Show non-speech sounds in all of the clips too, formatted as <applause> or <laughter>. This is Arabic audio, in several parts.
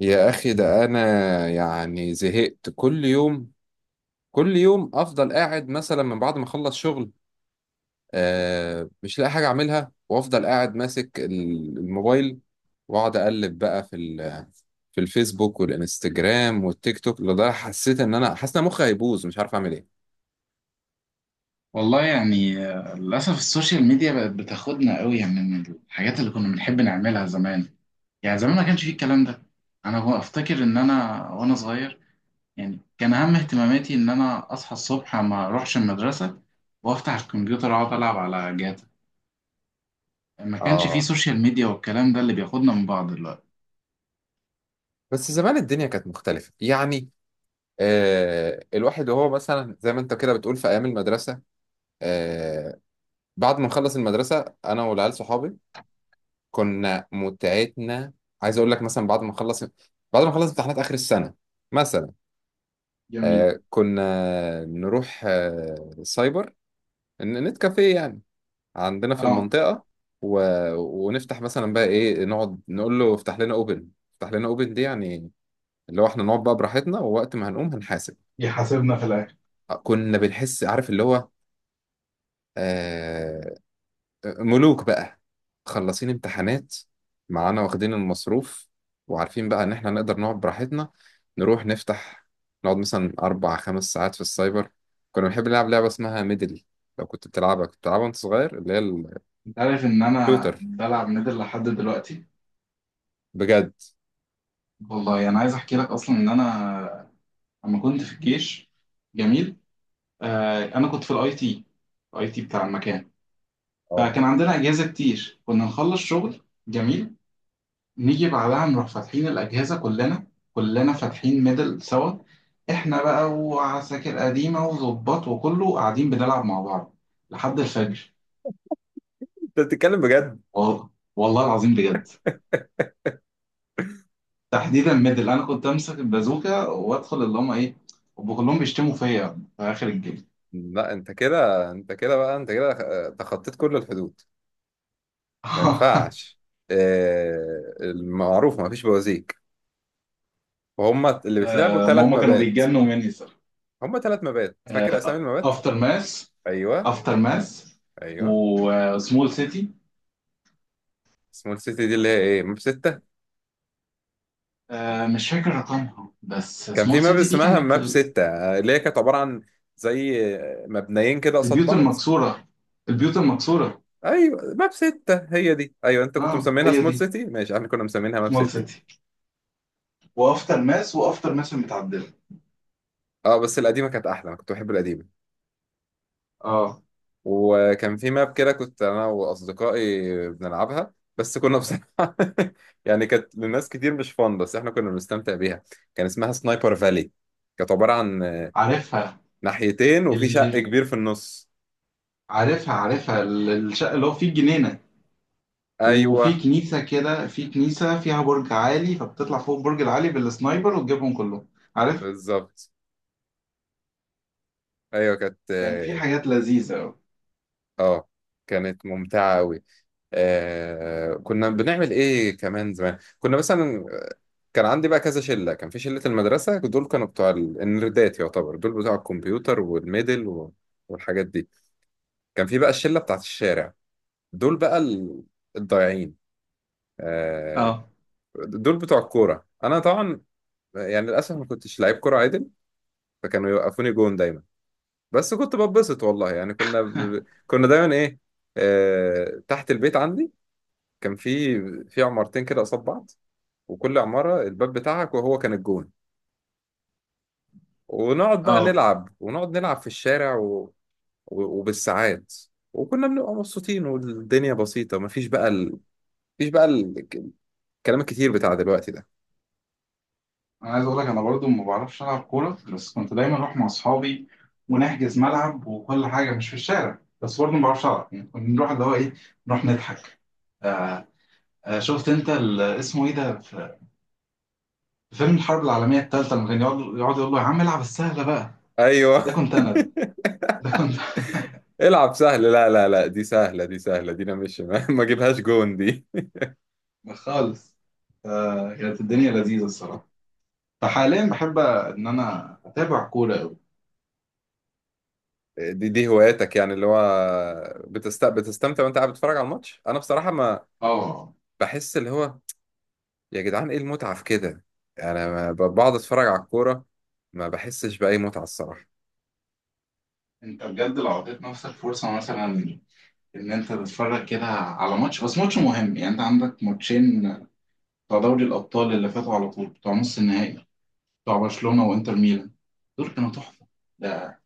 يا أخي ده أنا، يعني زهقت. كل يوم كل يوم أفضل قاعد مثلا من بعد ما أخلص شغل. آه، مش لاقي حاجة أعملها وأفضل قاعد ماسك الموبايل، وأقعد أقلب بقى في الفيسبوك والإنستجرام والتيك توك، لده حسيت إن أنا حاسس إن مخي هيبوظ، مش عارف أعمل إيه. والله، يعني للأسف السوشيال ميديا بقت بتاخدنا قوي، يعني من الحاجات اللي كنا بنحب نعملها زمان. يعني زمان ما كانش فيه الكلام ده. أنا هو أفتكر إن أنا وأنا صغير يعني كان أهم اهتماماتي إن أنا أصحى الصبح ما أروحش المدرسة وأفتح الكمبيوتر أقعد ألعب على جاتا. ما كانش فيه آه، سوشيال ميديا والكلام ده اللي بياخدنا من بعض دلوقتي. بس زمان الدنيا كانت مختلفة يعني. آه، الواحد وهو مثلا زي ما أنت كده بتقول في أيام المدرسة، آه، بعد ما نخلص المدرسة أنا والعيال صحابي كنا متعتنا. عايز اقول لك مثلا بعد ما نخلص امتحانات اخر السنه مثلا، جميل. آه كنا نروح، سايبر، نت كافيه يعني عندنا في اه. المنطقه. و... ونفتح مثلا بقى ايه، نقعد نقول له افتح لنا اوبن، افتح لنا اوبن دي، يعني اللي هو احنا نقعد بقى براحتنا ووقت ما هنقوم هنحاسب. يحاسبنا في الآخر. آه، كنا بنحس عارف اللي هو، آه، ملوك بقى، خلصين امتحانات، معانا واخدين المصروف، وعارفين بقى ان احنا نقدر نقعد براحتنا. نروح نفتح، نقعد مثلا 4 5 ساعات في السايبر. كنا بنحب نلعب لعبة اسمها ميدل. لو كنت بتلعبها كنت بتلعبها وانت صغير، اللي هي أنت عارف إن أنا الشوتر، بلعب ميدل لحد دلوقتي. بجد. والله أنا يعني عايز أحكي لك أصلا إن أنا لما كنت في الجيش. جميل. انا كنت في الاي تي، الاي تي بتاع المكان. اه فكان عندنا اجهزه كتير كنا نخلص شغل. جميل. نيجي بعدها نروح فاتحين الاجهزه كلنا، كلنا فاتحين ميدل سوا. احنا بقى وعساكر قديمه وظباط وكله قاعدين بنلعب مع بعض لحد الفجر. انت بتتكلم بجد؟ والله. والله العظيم بجد. تحديدا ميدل انا كنت امسك البازوكه وادخل اللي هم ايه، هم كلهم بيشتموا فيا في اخر الجيم. لا، انت كده انت كده بقى انت كده، آه، تخطيت كل الحدود. ما <laughs> ينفعش، آه، المعروف ما فيش بوازيك، وهم اللي بيتلعبوا ما ثلاث هم كانوا مبات بيتجنوا مني صراحه. هم 3 مبات، فاكر اسامي المبات؟ افتر ماس. ايوه. افتر ماس ايوه. وسمول سيتي. سمول سيتي دي اللي هي ايه، ماب 6. مش فاكر رقمها، بس كان في سمول ماب سيتي دي اسمها كانت ماب ستة آه، اللي هي كانت عبارة عن زي مبنيين كده قصاد البيوت بعض. المكسوره، البيوت المكسوره. ايوه، ماب 6 هي دي، ايوه، انت كنت اه مسمينها هي سمول دي سيتي، ماشي، احنا كنا مسمينها ماب سمول ستة سيتي. وافتر ماس، وافتر ماس المتعدله. اه، بس القديمة كانت احلى، انا كنت بحب القديمة. اه. وكان في ماب كده كنت انا واصدقائي بنلعبها، بس كنا بصراحة <laughs> يعني كانت للناس كتير مش فان، بس احنا كنا بنستمتع بيها. كان اسمها سنايبر فالي، كانت عبارة عن عارفها، ناحيتين وفي شق اللي كبير في النص. عارفها، عارفها الشقه اللي هو فيه الجنينه، وفي ايوه، كنيسه كده، في كنيسه فيها برج عالي فبتطلع فوق البرج العالي بالسنايبر وتجيبهم كلهم. عارف. بالظبط. ايوه، كانت كان في حاجات لذيذه. اه كانت ممتعه قوي. آه، كنا بنعمل ايه كمان زمان؟ كنا مثلا كان عندي بقى كذا شله. كان في شله المدرسه، دول كانوا بتوع النردات، يعتبر دول بتوع الكمبيوتر والميدل والحاجات دي. كان في بقى الشله بتاعت الشارع، دول بقى ال- الضايعين. آه، اه. دول بتوع الكوره. انا طبعا يعني للاسف ما كنتش لعيب كوره عادل، فكانوا يوقفوني جون دايما. بس كنت ببسط والله، يعني كنا دايما ايه، تحت البيت عندي كان في في عمارتين كده قصاد بعض، وكل عمارة الباب بتاعك وهو كان الجون، ونقعد بقى اه، نلعب، ونقعد نلعب في الشارع وبالساعات، وكنا بنبقى مبسوطين والدنيا بسيطة. مفيش بقى الكلام الكتير بتاع دلوقتي ده. انا عايز اقول لك انا برضو ما بعرفش العب كوره، بس كنت دايما اروح مع اصحابي ونحجز ملعب وكل حاجه مش في الشارع، بس برضو ما بعرفش العب، يعني كنا نروح اللي هو ايه، نروح نضحك. آه. شفت انت اسمه ايه ده في في فيلم الحرب العالميه الثالثه لما كان يقعد يقعد يقول له يا عم العب السهله بقى؟ ايوه. ده كنت انا ده كنت. <laughs> العب سهل، لا لا لا دي سهلة، دي سهلة دي، انا مش <laughs> ما اجيبهاش جون دي. <laughs> أنا خالص. آه، كانت الدنيا لذيذه الصراحه. فحاليا بحب ان انا اتابع كوره قوي. دي هواياتك، يعني اللي هو بتستمتع وانت قاعد بتتفرج على الماتش. انا بصراحه ما اه، بحس اللي هو، يا جدعان ايه المتعه في كده؟ يعني انا ما ب- بقعد اتفرج على الكوره، ما بحسش باي متعه الصراحه. انت بجد لو اعطيت نفسك فرصه مثلا ان انت تتفرج كده على ماتش، بس ماتش مهم، يعني انت عندك ماتشين بتوع دوري الابطال اللي فاتوا على طول، بتوع نص النهائي، بتوع برشلونة وانتر ميلان، دول كانوا تحفة. ده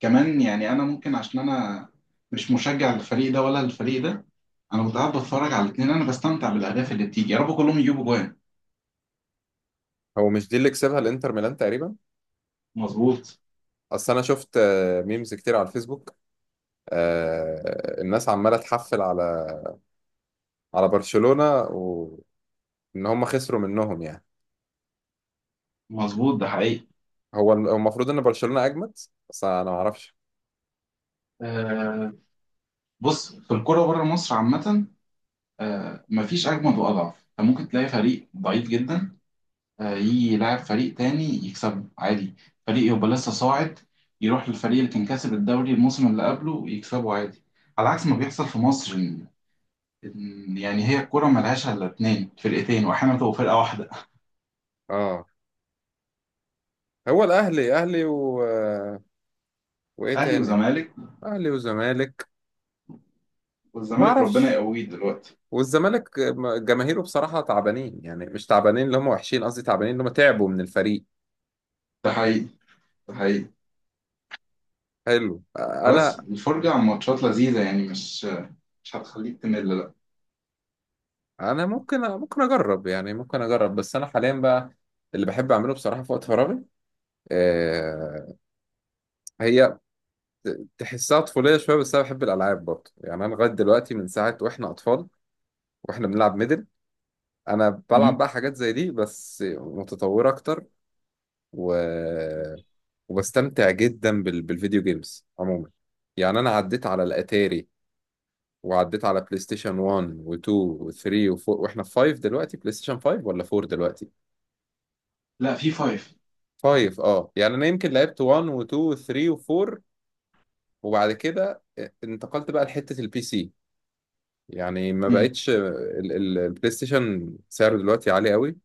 كمان يعني انا ممكن، عشان انا مش مشجع للفريق ده ولا للفريق ده، انا كنت قاعد بتفرج على الاثنين. انا بستمتع بالاهداف اللي بتيجي، يا رب كلهم يجيبوا جوان. هو مش دي اللي كسبها الانتر ميلان تقريبا؟ مظبوط. اصل انا شفت، آه، ميمز كتير على الفيسبوك، آه، الناس عماله تحفل على على برشلونه وان هم خسروا منهم يعني. مظبوط، ده حقيقي. هو المفروض ان برشلونه اجمد، بس انا ما اعرفش. آه، بص في الكرة بره مصر عامة، آه مفيش اجمد واضعف، انت ممكن تلاقي فريق ضعيف جدا يجي يلعب فريق تاني يكسبه عادي، فريق يبقى لسه صاعد يروح للفريق اللي كان كاسب الدوري الموسم اللي قبله يكسبه عادي، على عكس ما بيحصل في مصر، إن يعني هي الكرة ملهاش إلا 2 فرقتين، وأحيانا تبقى فرقة واحدة. اه، هو الاهلي، اهلي وايه أهلي تاني؟ وزمالك. اهلي وزمالك. وما والزمالك ربنا اعرفش، يقويه دلوقتي. والزمالك جماهيره بصراحه تعبانين، يعني مش تعبانين اللي هم وحشين، قصدي تعبانين اللي هم تعبوا من الفريق. ده حقيقي. ده حقيقي. حلو. بس انا الفرجة على ماتشات لذيذة، يعني مش، مش هتخليك تمل لا. انا ممكن اجرب، يعني ممكن اجرب. بس انا حاليا بقى اللي بحب اعمله بصراحه في وقت فراغي، آه، هي تحسها طفوليه شويه بس انا بحب الالعاب برضه، يعني انا لغايه دلوقتي من ساعه واحنا اطفال واحنا بنلعب ميدل، انا بلعب مم. بقى حاجات زي دي بس متطوره اكتر. و وبستمتع جدا بالفيديو جيمز عموما. يعني انا عديت على الاتاري وعديت على بلاي ستيشن 1 و2 و3 و4، واحنا في 5 دلوقتي. بلاي ستيشن 5 ولا 4 دلوقتي؟ لا في 5. 5. اه يعني انا يمكن لعبت 1 و2 و3 و4، وبعد كده، آه، انتقلت بقى لحتة البي سي. يعني ما مم. بقتش البلاي ستيشن سعره دلوقتي عالي قوي،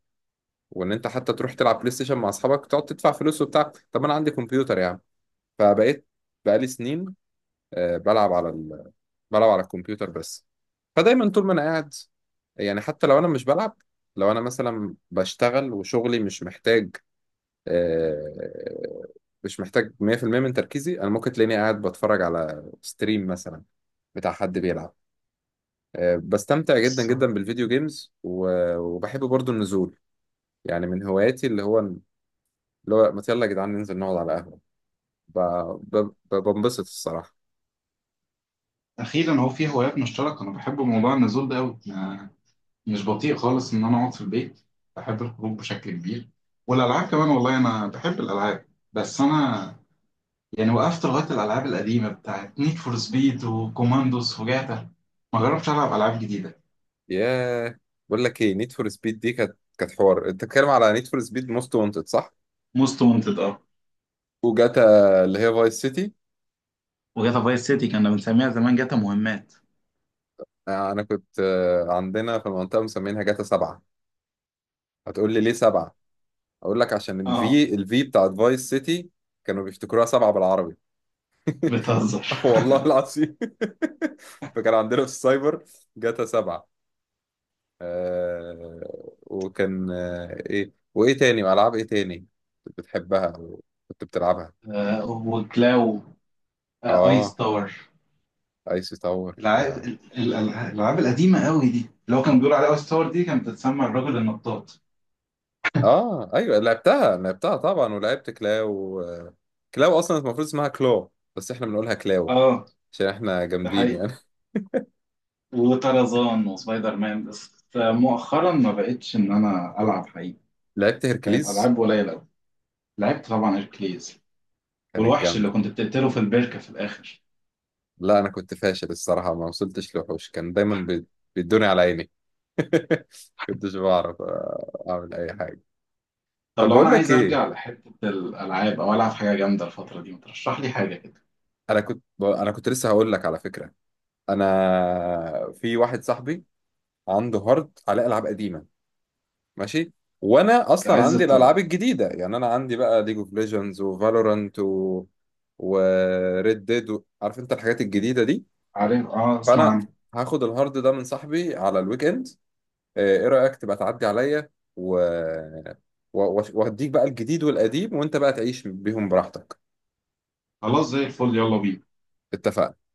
وان انت حتى تروح تلعب بلاي ستيشن مع اصحابك تقعد تدفع فلوس وبتاع. طب انا عندي كمبيوتر يعني، فبقيت بقالي سنين، آه، بلعب على الكمبيوتر بس. فدايما طول ما انا قاعد، يعني حتى لو انا مش بلعب، لو انا مثلا بشتغل وشغلي مش محتاج، آه، مش محتاج 100% من تركيزي، انا ممكن تلاقيني قاعد بتفرج على ستريم مثلا بتاع حد بيلعب. آه، بستمتع جدا بس جدا بالفيديو جيمز، وبحب برضو النزول. يعني من هواياتي اللي هو اللي هو، ما يلا يا جدعان ننزل نقعد على قهوة، بنبسط الصراحة. أخيرا هو في هوايات مشتركة. أنا بحب موضوع النزول ده أوي، مش بطيء خالص ان انا اقعد في البيت. بحب الخروج بشكل كبير. والالعاب كمان، والله انا بحب الالعاب، بس انا يعني وقفت لغايه الالعاب القديمه بتاعت نيد فور سبيد وكوماندوس وجاتا. ما جربتش العب العاب جديده. ياه. بقول لك ايه، نيد فور سبيد دي كانت حوار، انت بتتكلم على نيد فور سبيد موست وانتد صح؟ موست وانتد اه. وجاتا اللي هي فايس سيتي. وجاتا فايس سيتي كنا بنسميها زمان جاتا مهمات. آه، انا كنت، آه، عندنا في المنطقه مسمينها جاتا 7. هتقول لي ليه 7؟ اقول لك عشان اه. الفي بتاعت فايس سيتي كانوا بيفتكروها 7 بالعربي. بتهزر. <laughs> والله العظيم. <laughs> فكان عندنا في السايبر جاتا 7. آه، وكان، آه، ايه وايه تاني العاب؟ ايه تاني كنت بتحبها وكنت بتلعبها؟ آه وكلاو. آه ايس اه، تاور. ايس تاور، العاب يا الالعاب القديمه قوي دي، اللي هو كان بيقول عليها اي ستار، دي كانت بتتسمى الرجل النطاط. اه ايوه لعبتها، لعبتها طبعا، ولعبت كلاو. كلاو اصلا المفروض اسمها كلو بس احنا بنقولها كلاو، اه. عشان احنا ده جامدين حقيقي. يعني. وطرزان وسبايدر مان، بس مؤخرا ما بقتش ان انا العب حقيقي. <laughs> لعبت بقت هيركليز، العاب قليله قوي. لعبت طبعا اركليز، كانت والوحش اللي جامده. كنت بتقتله في البركه في الاخر. لا، انا كنت فاشل الصراحه، ما وصلتش لوحوش، كان دايما بيدوني على عيني، <laughs> كنتش بعرف، آه، اعمل اي حاجه. طب طب لو انا بقول لك عايز ايه، ارجع لحته الالعاب او العب حاجه جامده الفتره دي، ما ترشح لي حاجه كده؟ انا كنت لسه هقول لك على فكره، انا في واحد صاحبي عنده هارد على العاب قديمه ماشي، وانا ده اصلا عز عندي الطلب. الالعاب الجديده، يعني انا عندي بقى ليج اوف ليجندز وفالورانت وريد ديد Red Dead عارف انت الحاجات الجديده دي. عارف، اه، اسمع فانا عنه. هاخد الهارد ده من صاحبي على الويك اند. آه، ايه رايك تبقى تعدي عليا و، وهديك بقى الجديد والقديم وانت بقى تعيش بيهم براحتك. خلاص زي الفل، يلا بينا. اتفقنا.